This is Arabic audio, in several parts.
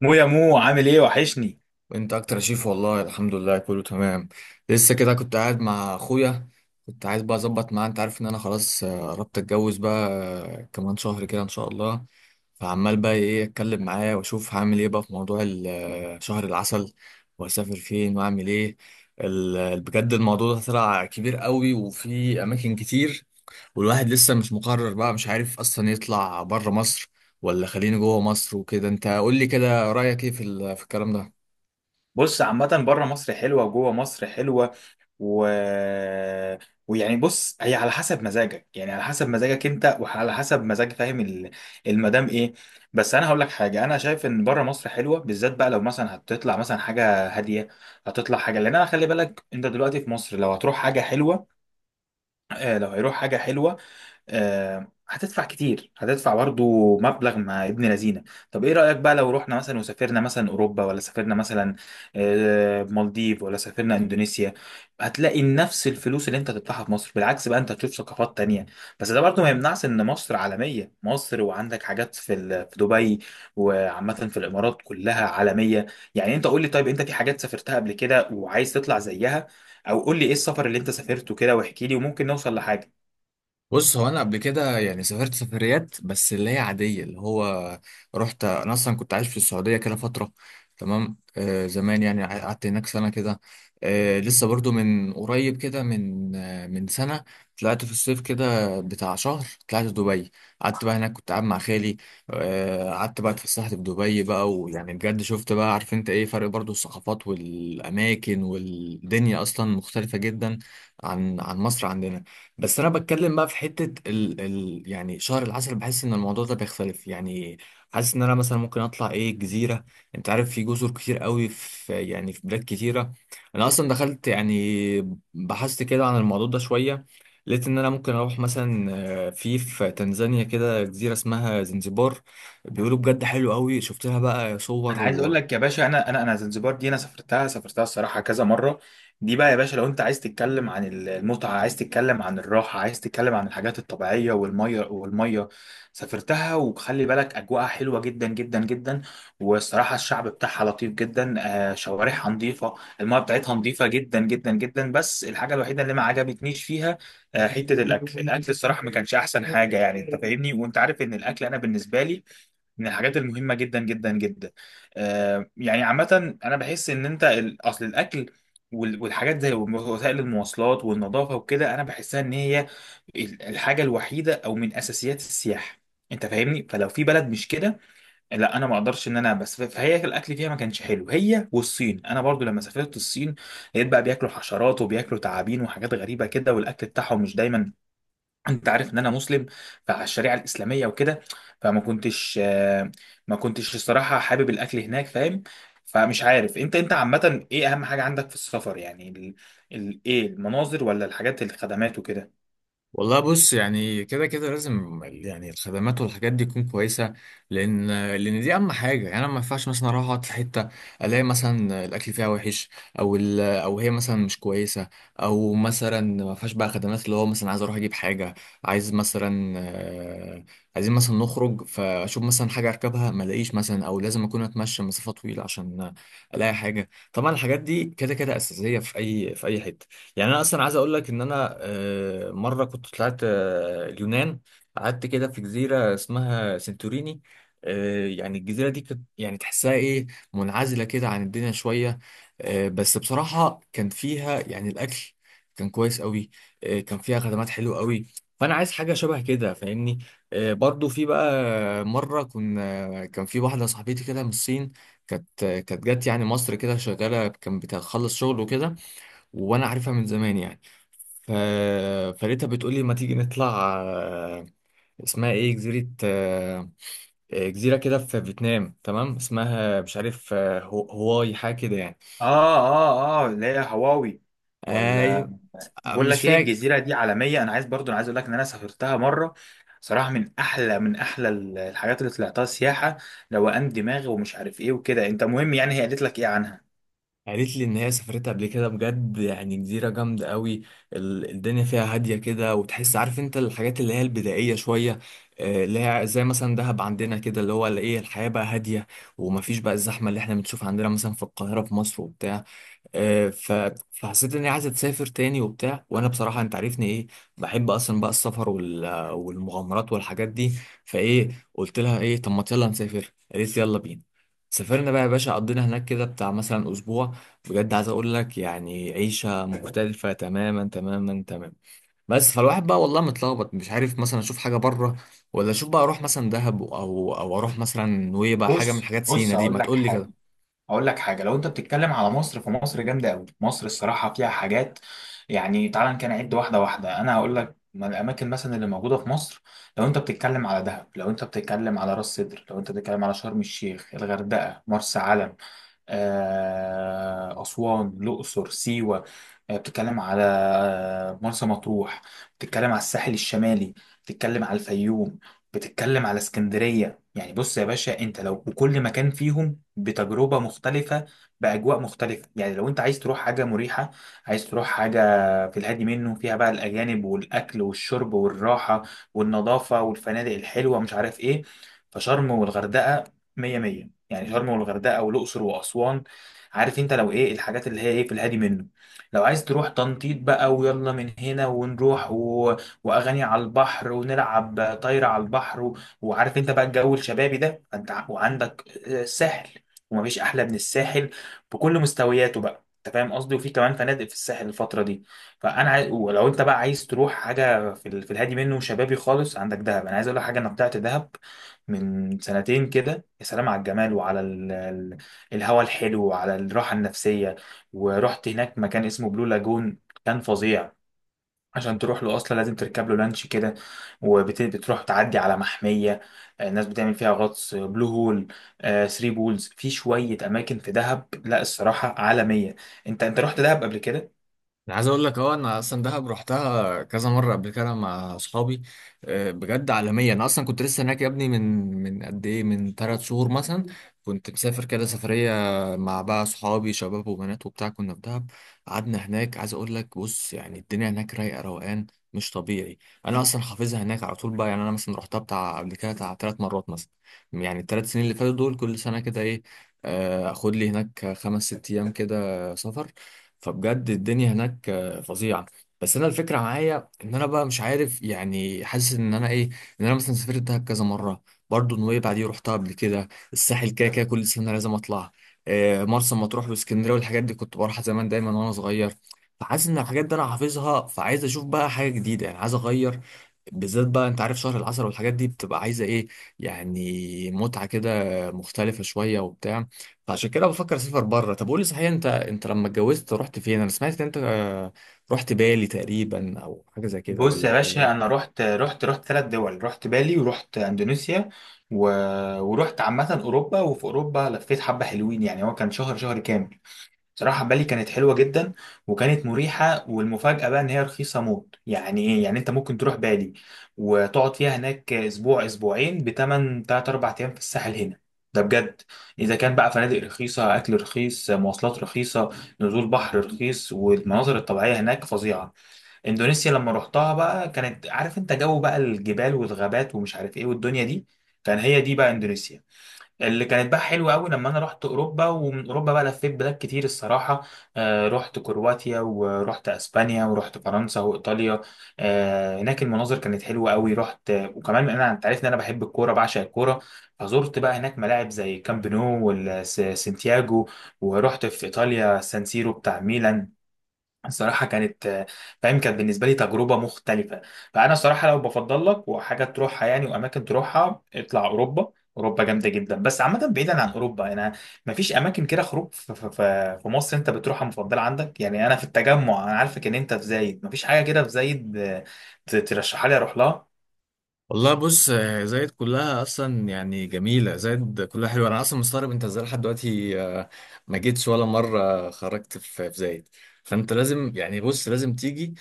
يا مو، عامل ايه؟ وحشني. انت اكتر يا شيف، والله الحمد لله كله تمام. لسه كده كنت قاعد مع اخويا. كنت عايز بقى اظبط معاه، انت عارف ان انا خلاص، قربت اتجوز بقى. كمان شهر كده ان شاء الله. فعمال بقى ايه اتكلم معاه واشوف هعمل ايه بقى في موضوع شهر العسل، واسافر فين واعمل ايه. بجد الموضوع ده طلع كبير قوي وفي اماكن كتير، والواحد لسه مش مقرر بقى، مش عارف اصلا يطلع بره مصر ولا خليني جوه مصر وكده. انت قول لي كده رايك ايه في في الكلام ده؟ بص، عامة بره مصر حلوة وجوه مصر حلوة و... ويعني بص، هي على حسب مزاجك، يعني على حسب مزاجك انت، وعلى حسب مزاج، فاهم؟ المدام ايه. بس انا هقول لك حاجة. انا شايف ان بره مصر حلوة، بالذات بقى لو مثلا هتطلع مثلا حاجة هادية. هتطلع حاجة، لان انا، خلي بالك، انت دلوقتي في مصر لو هتروح حاجة حلوة. لو هيروح حاجة حلوة. هتدفع كتير، هتدفع برضو مبلغ مع ابن لذينه. طب ايه رأيك بقى لو رحنا مثلا وسافرنا مثلا اوروبا، ولا سافرنا مثلا مالديف، ولا سافرنا اندونيسيا؟ هتلاقي نفس الفلوس اللي انت هتدفعها في مصر، بالعكس بقى انت هتشوف ثقافات تانية. بس ده برضو ما يمنعش ان مصر عالمية، مصر وعندك حاجات في في دبي، وعامة في الامارات كلها عالمية. يعني انت قول لي، طيب انت في حاجات سافرتها قبل كده وعايز تطلع زيها؟ او قول لي ايه السفر اللي انت سافرته كده، واحكي لي وممكن نوصل لحاجة. بص، هو انا قبل كده يعني سافرت سفريات بس اللي هي عاديه، اللي هو رحت انا، اصلا كنت عايش في السعوديه كده فتره. تمام، آه زمان، يعني قعدت هناك سنه كده. آه لسه برضو من قريب كده، من سنه. طلعت في الصيف كده بتاع شهر، طلعت دبي. قعدت بقى هناك، كنت قاعد مع خالي. آه قعدت بقى، اتفسحت في دبي بقى، ويعني بجد شفت بقى، عارف انت ايه؟ فرق برضو الثقافات والاماكن، والدنيا اصلا مختلفه جدا عن مصر عندنا. بس انا بتكلم بقى في حته ال يعني شهر العسل، بحس ان الموضوع ده بيختلف يعني. حاسس ان انا مثلا ممكن اطلع ايه، جزيره. انت عارف في جزر كتير قوي، في يعني في بلاد كتيره. انا اصلا دخلت يعني بحثت كده عن الموضوع ده شويه، لقيت ان انا ممكن اروح مثلا في تنزانيا كده جزيره اسمها زنزبار. بيقولوا بجد حلو قوي، شفت لها بقى صور. انا عايز اقول لك يا باشا، انا زنجبار دي انا سافرتها الصراحه كذا مره. دي بقى يا باشا، لو انت عايز تتكلم عن المتعه، عايز تتكلم عن الراحه، عايز تتكلم عن الحاجات الطبيعيه والميه والميه. سافرتها، وخلي بالك اجواءها حلوه جدا جدا جدا، والصراحه الشعب بتاعها لطيف جدا. شوارعها نظيفه، الميه بتاعتها نظيفه جدا جدا جدا، بس الحاجه الوحيده اللي ما عجبتنيش فيها حته الاكل. الاكل الصراحه ما كانش احسن حاجه، يعني انت فاهمني، وانت عارف ان الاكل انا بالنسبه لي من الحاجات المهمة جدا جدا جدا. يعني عامة أنا بحس إن أنت، أصل الأكل والحاجات زي وسائل المواصلات والنظافة وكده، أنا بحسها إن هي الحاجة الوحيدة أو من أساسيات السياحة. أنت فاهمني، فلو في بلد مش كده، لا، أنا ما أقدرش. إن أنا بس، فهي الأكل فيها ما كانش حلو، هي والصين. أنا برضو لما سافرت الصين، لقيت بقى بياكلوا حشرات وبياكلوا تعابين وحاجات غريبة كده، والأكل بتاعهم مش دايما، انت عارف ان انا مسلم، فعلى الشريعه الاسلاميه وكده. فما كنتش آه، ما كنتش الصراحه حابب الاكل هناك، فاهم؟ فمش عارف انت، عامه، ايه اهم حاجه عندك في السفر؟ يعني ايه، المناظر ولا الحاجات، الخدمات وكده؟ والله بص، يعني كده كده لازم يعني الخدمات والحاجات دي تكون كويسه، لان لان دي اهم حاجه. يعني انا ما ينفعش مثلا اروح اقعد في حته الاقي مثلا الاكل فيها وحش، او هي مثلا مش كويسه، او مثلا ما فيهاش بقى خدمات، اللي هو مثلا عايز اروح اجيب حاجه، عايز مثلا، عايزين مثلا نخرج، فاشوف مثلا حاجه اركبها ما الاقيش، مثلا او لازم اكون اتمشى مسافه طويله عشان الاقي حاجه. طبعا الحاجات دي كده كده اساسيه في اي حته. يعني انا اصلا عايز اقول لك ان انا، مره كنت طلعت اليونان، قعدت كده في جزيره اسمها سنتوريني. يعني الجزيره دي كانت يعني تحسها ايه، منعزله كده عن الدنيا شويه. بس بصراحه كان فيها يعني الاكل كان كويس قوي. كان فيها خدمات حلوه قوي. فانا عايز حاجه شبه كده، فاهمني. برضو في بقى مره كنا، كان في واحده صاحبتي كده من الصين، كانت جت يعني مصر كده شغاله، كان بتخلص شغل وكده، وانا عارفها من زمان يعني. ف... فلقيتها بتقول لي ما تيجي نطلع، اسمها ايه جزيرة، جزيرة كده في فيتنام، تمام اسمها مش عارف، هواي حاجة كده يعني. اه، اه، اه، اللي هي هواوي. ولا؟ ايوه. بقول مش لك ايه، فاكر. الجزيره دي عالميه. انا عايز برضو، انا عايز اقول لك ان انا سافرتها مره. صراحه من احلى الحاجات اللي طلعتها سياحه، روقان دماغ ومش عارف ايه وكده. انت، مهم يعني، هي قالت لك ايه عنها؟ قالت لي ان هي سافرتها قبل كده، بجد يعني جزيرة جامدة قوي. الدنيا فيها هادية كده، وتحس عارف انت الحاجات اللي هي البدائية شوية، اللي هي زي مثلا دهب عندنا كده، اللي هو اللي ايه، الحياة بقى هادية، ومفيش بقى الزحمة اللي احنا بنشوفها عندنا مثلا في القاهرة في مصر وبتاع. آه، ف- فحسيت اني عايز اسافر تاني وبتاع، وانا بصراحه انت عارفني ايه، بحب اصلا بقى السفر وال- والمغامرات والحاجات دي. فايه، قلت لها ايه طب ما يلا نسافر، قالت لي يلا بينا. سافرنا بقى يا باشا، قضينا هناك كده بتاع مثلا اسبوع. بجد عايز اقول لك يعني عيشه مختلفه تماما تماما تماما. بس فالواحد بقى والله متلخبط، مش عارف مثلا اشوف حاجه بره، ولا اشوف بقى اروح مثلا دهب، او اروح مثلا نويبع، حاجه من بص حاجات بص، سينا دي، هقول ما لك تقول لي حاجه، كده. اقول لك حاجه. لو انت بتتكلم على مصر، فمصر جامده قوي، مصر الصراحه فيها حاجات. يعني تعال كده نعد واحده واحده، انا هقول لك من الاماكن مثلا اللي موجوده في مصر. لو انت بتتكلم على دهب، لو انت بتتكلم على راس سدر، لو انت بتتكلم على شرم الشيخ، الغردقه، مرسى علم، اسوان، الاقصر، سيوه، بتتكلم على مرسى مطروح، بتتكلم على الساحل الشمالي، بتتكلم على الفيوم، بتتكلم على اسكندريه. يعني بص يا باشا، انت لو وكل مكان فيهم بتجربة مختلفة، بأجواء مختلفة. يعني لو أنت عايز تروح حاجة مريحة، عايز تروح حاجة في الهادي منه، فيها بقى الأجانب والأكل والشرب والراحة والنظافة والفنادق الحلوة مش عارف إيه، فشرم والغردقة مية مية، يعني شرم والغردقة والأقصر وأسوان، عارف أنت لو إيه الحاجات اللي هي إيه في الهادي منه. لو عايز تروح تنطيط بقى، ويلا من هنا ونروح، وأغاني على البحر، ونلعب طايرة على البحر، وعارف انت بقى الجو الشبابي ده، فانت وعندك الساحل، ومفيش احلى من الساحل بكل مستوياته، بقى انت فاهم قصدي، وفي كمان فنادق في الساحل الفتره دي. فانا عايز، ولو انت بقى عايز تروح حاجه في الهادي منه وشبابي خالص، عندك دهب. انا عايز اقول لك حاجه، انا طلعت دهب من سنتين كده، يا سلام على الجمال وعلى الهوا الحلو وعلى الراحه النفسيه. ورحت هناك مكان اسمه بلو لاجون، كان فظيع. عشان تروح له اصلا لازم تركب له لانش كده، وبتروح تعدي على محميه. الناس بتعمل فيها غطس، بلو هول، ثري بولز. في شويه اماكن في دهب، لا الصراحه عالميه. انت رحت دهب قبل كده؟ انا عايز اقول لك اه، انا اصلا دهب رحتها كذا مره قبل كده مع اصحابي. بجد عالميه. انا اصلا كنت لسه هناك يا ابني، من قد ايه، من 3 شهور مثلا، كنت مسافر كده سفريه، مع بقى اصحابي شباب وبنات وبتاع، كنا في دهب. قعدنا هناك، عايز اقول لك، بص يعني الدنيا هناك رايقه روقان مش طبيعي. انا اصلا حافظها هناك على طول بقى، يعني انا مثلا رحتها بتاع قبل كده بتاع 3 مرات مثلا، يعني الثلاث سنين اللي فاتوا دول كل سنه كده ايه، اخد لي هناك 5-6 ايام كده سفر. فبجد الدنيا هناك فظيعه. بس انا الفكره معايا ان انا بقى مش عارف، يعني حاسس ان انا ايه، ان انا مثلا سافرت دهب كذا مره، برضه نويبع دي رحتها قبل كده، الساحل كده كده كل سنه لازم اطلع، مرسى مطروح واسكندريه والحاجات دي كنت بروحها زمان دايما وانا صغير. فحاسس ان الحاجات دي انا حافظها، فعايز اشوف بقى حاجه جديده يعني، عايز اغير، بالذات بقى انت عارف شهر العسل والحاجات دي بتبقى عايزه ايه، يعني متعه كده مختلفه شويه وبتاع. فعشان كده بفكر اسافر بره. طب قولي صحيح، انت لما اتجوزت رحت فين؟ انا سمعت ان انت رحت بالي تقريبا، او حاجه زي كده بص يا ولا باشا، انا ايه؟ رحت 3 دول، رحت بالي ورحت اندونيسيا و... ورحت عامه اوروبا، وفي اوروبا لفيت حبه حلوين، يعني هو كان شهر كامل. صراحة بالي كانت حلوة جدا، وكانت مريحة، والمفاجأة بقى إن هي رخيصة موت يعني إيه. يعني أنت ممكن تروح بالي وتقعد فيها هناك أسبوع أسبوعين بتمن تلات أربع أيام في الساحل هنا. ده بجد. إذا كان بقى فنادق رخيصة، أكل رخيص، مواصلات رخيصة، نزول بحر رخيص، والمناظر الطبيعية هناك فظيعة. إندونيسيا لما رحتها بقى كانت، عارف أنت، جو بقى الجبال والغابات ومش عارف إيه والدنيا دي، كان هي دي بقى إندونيسيا، اللي كانت بقى حلوه قوي. لما انا رحت اوروبا، ومن اوروبا بقى لفيت بلاد كتير الصراحه. رحت كرواتيا ورحت اسبانيا ورحت فرنسا وايطاليا. هناك المناظر كانت حلوه قوي، رحت وكمان. انا انت عارف ان انا بحب الكوره، بعشق الكوره، فزرت بقى هناك ملاعب زي كامب نو والسانتياجو، ورحت في ايطاليا سان سيرو بتاع ميلان. الصراحة كانت، فاهم، كانت بالنسبة لي تجربة مختلفة. فأنا الصراحة لو بفضل لك وحاجة تروحها يعني، وأماكن تروحها، اطلع أوروبا. أوروبا جامدة جدا. بس عامة بعيدا عن أوروبا، أنا مفيش أماكن كده خروج في مصر أنت بتروحها مفضلة عندك؟ يعني أنا في التجمع، أنا عارفك إن أنت في زايد، مفيش حاجة كده في زايد؟ ترشحها لي أروح لها. والله بص، زايد كلها اصلا يعني جميله، زايد كلها حلوه. انا اصلا مستغرب انت ازاي لحد دلوقتي ما جيتش ولا مره، خرجت في زايد. فانت لازم، يعني بص لازم تيجي.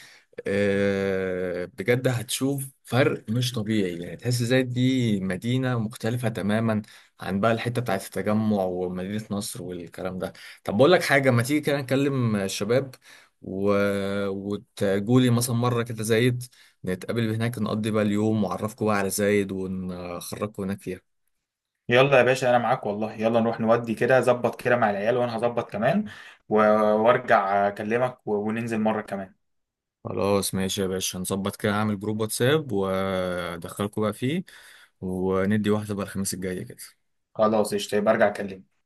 بجد هتشوف فرق مش طبيعي، يعني تحس زايد دي مدينه مختلفه تماما عن بقى الحته بتاعت التجمع ومدينه نصر والكلام ده. طب بقول لك حاجه، ما تيجي كده نكلم الشباب و... وتجولي مثلا مره كده زايد، نتقابل هناك، نقضي بقى اليوم، وأعرفكوا بقى على زايد ونخرجكوا هناك فيها. يلا يا باشا، أنا معاك والله، يلا نروح نودي كده، ظبط كده مع العيال، وأنا هظبط كمان و- وأرجع أكلمك، وننزل مرة كمان. خلاص ماشي يا باشا، نظبط كده، أعمل جروب واتساب وأدخلكوا بقى فيه، وندي واحدة بقى الخميس الجاي كده. خلاص، قشطة، يبقى أرجع أكلمك.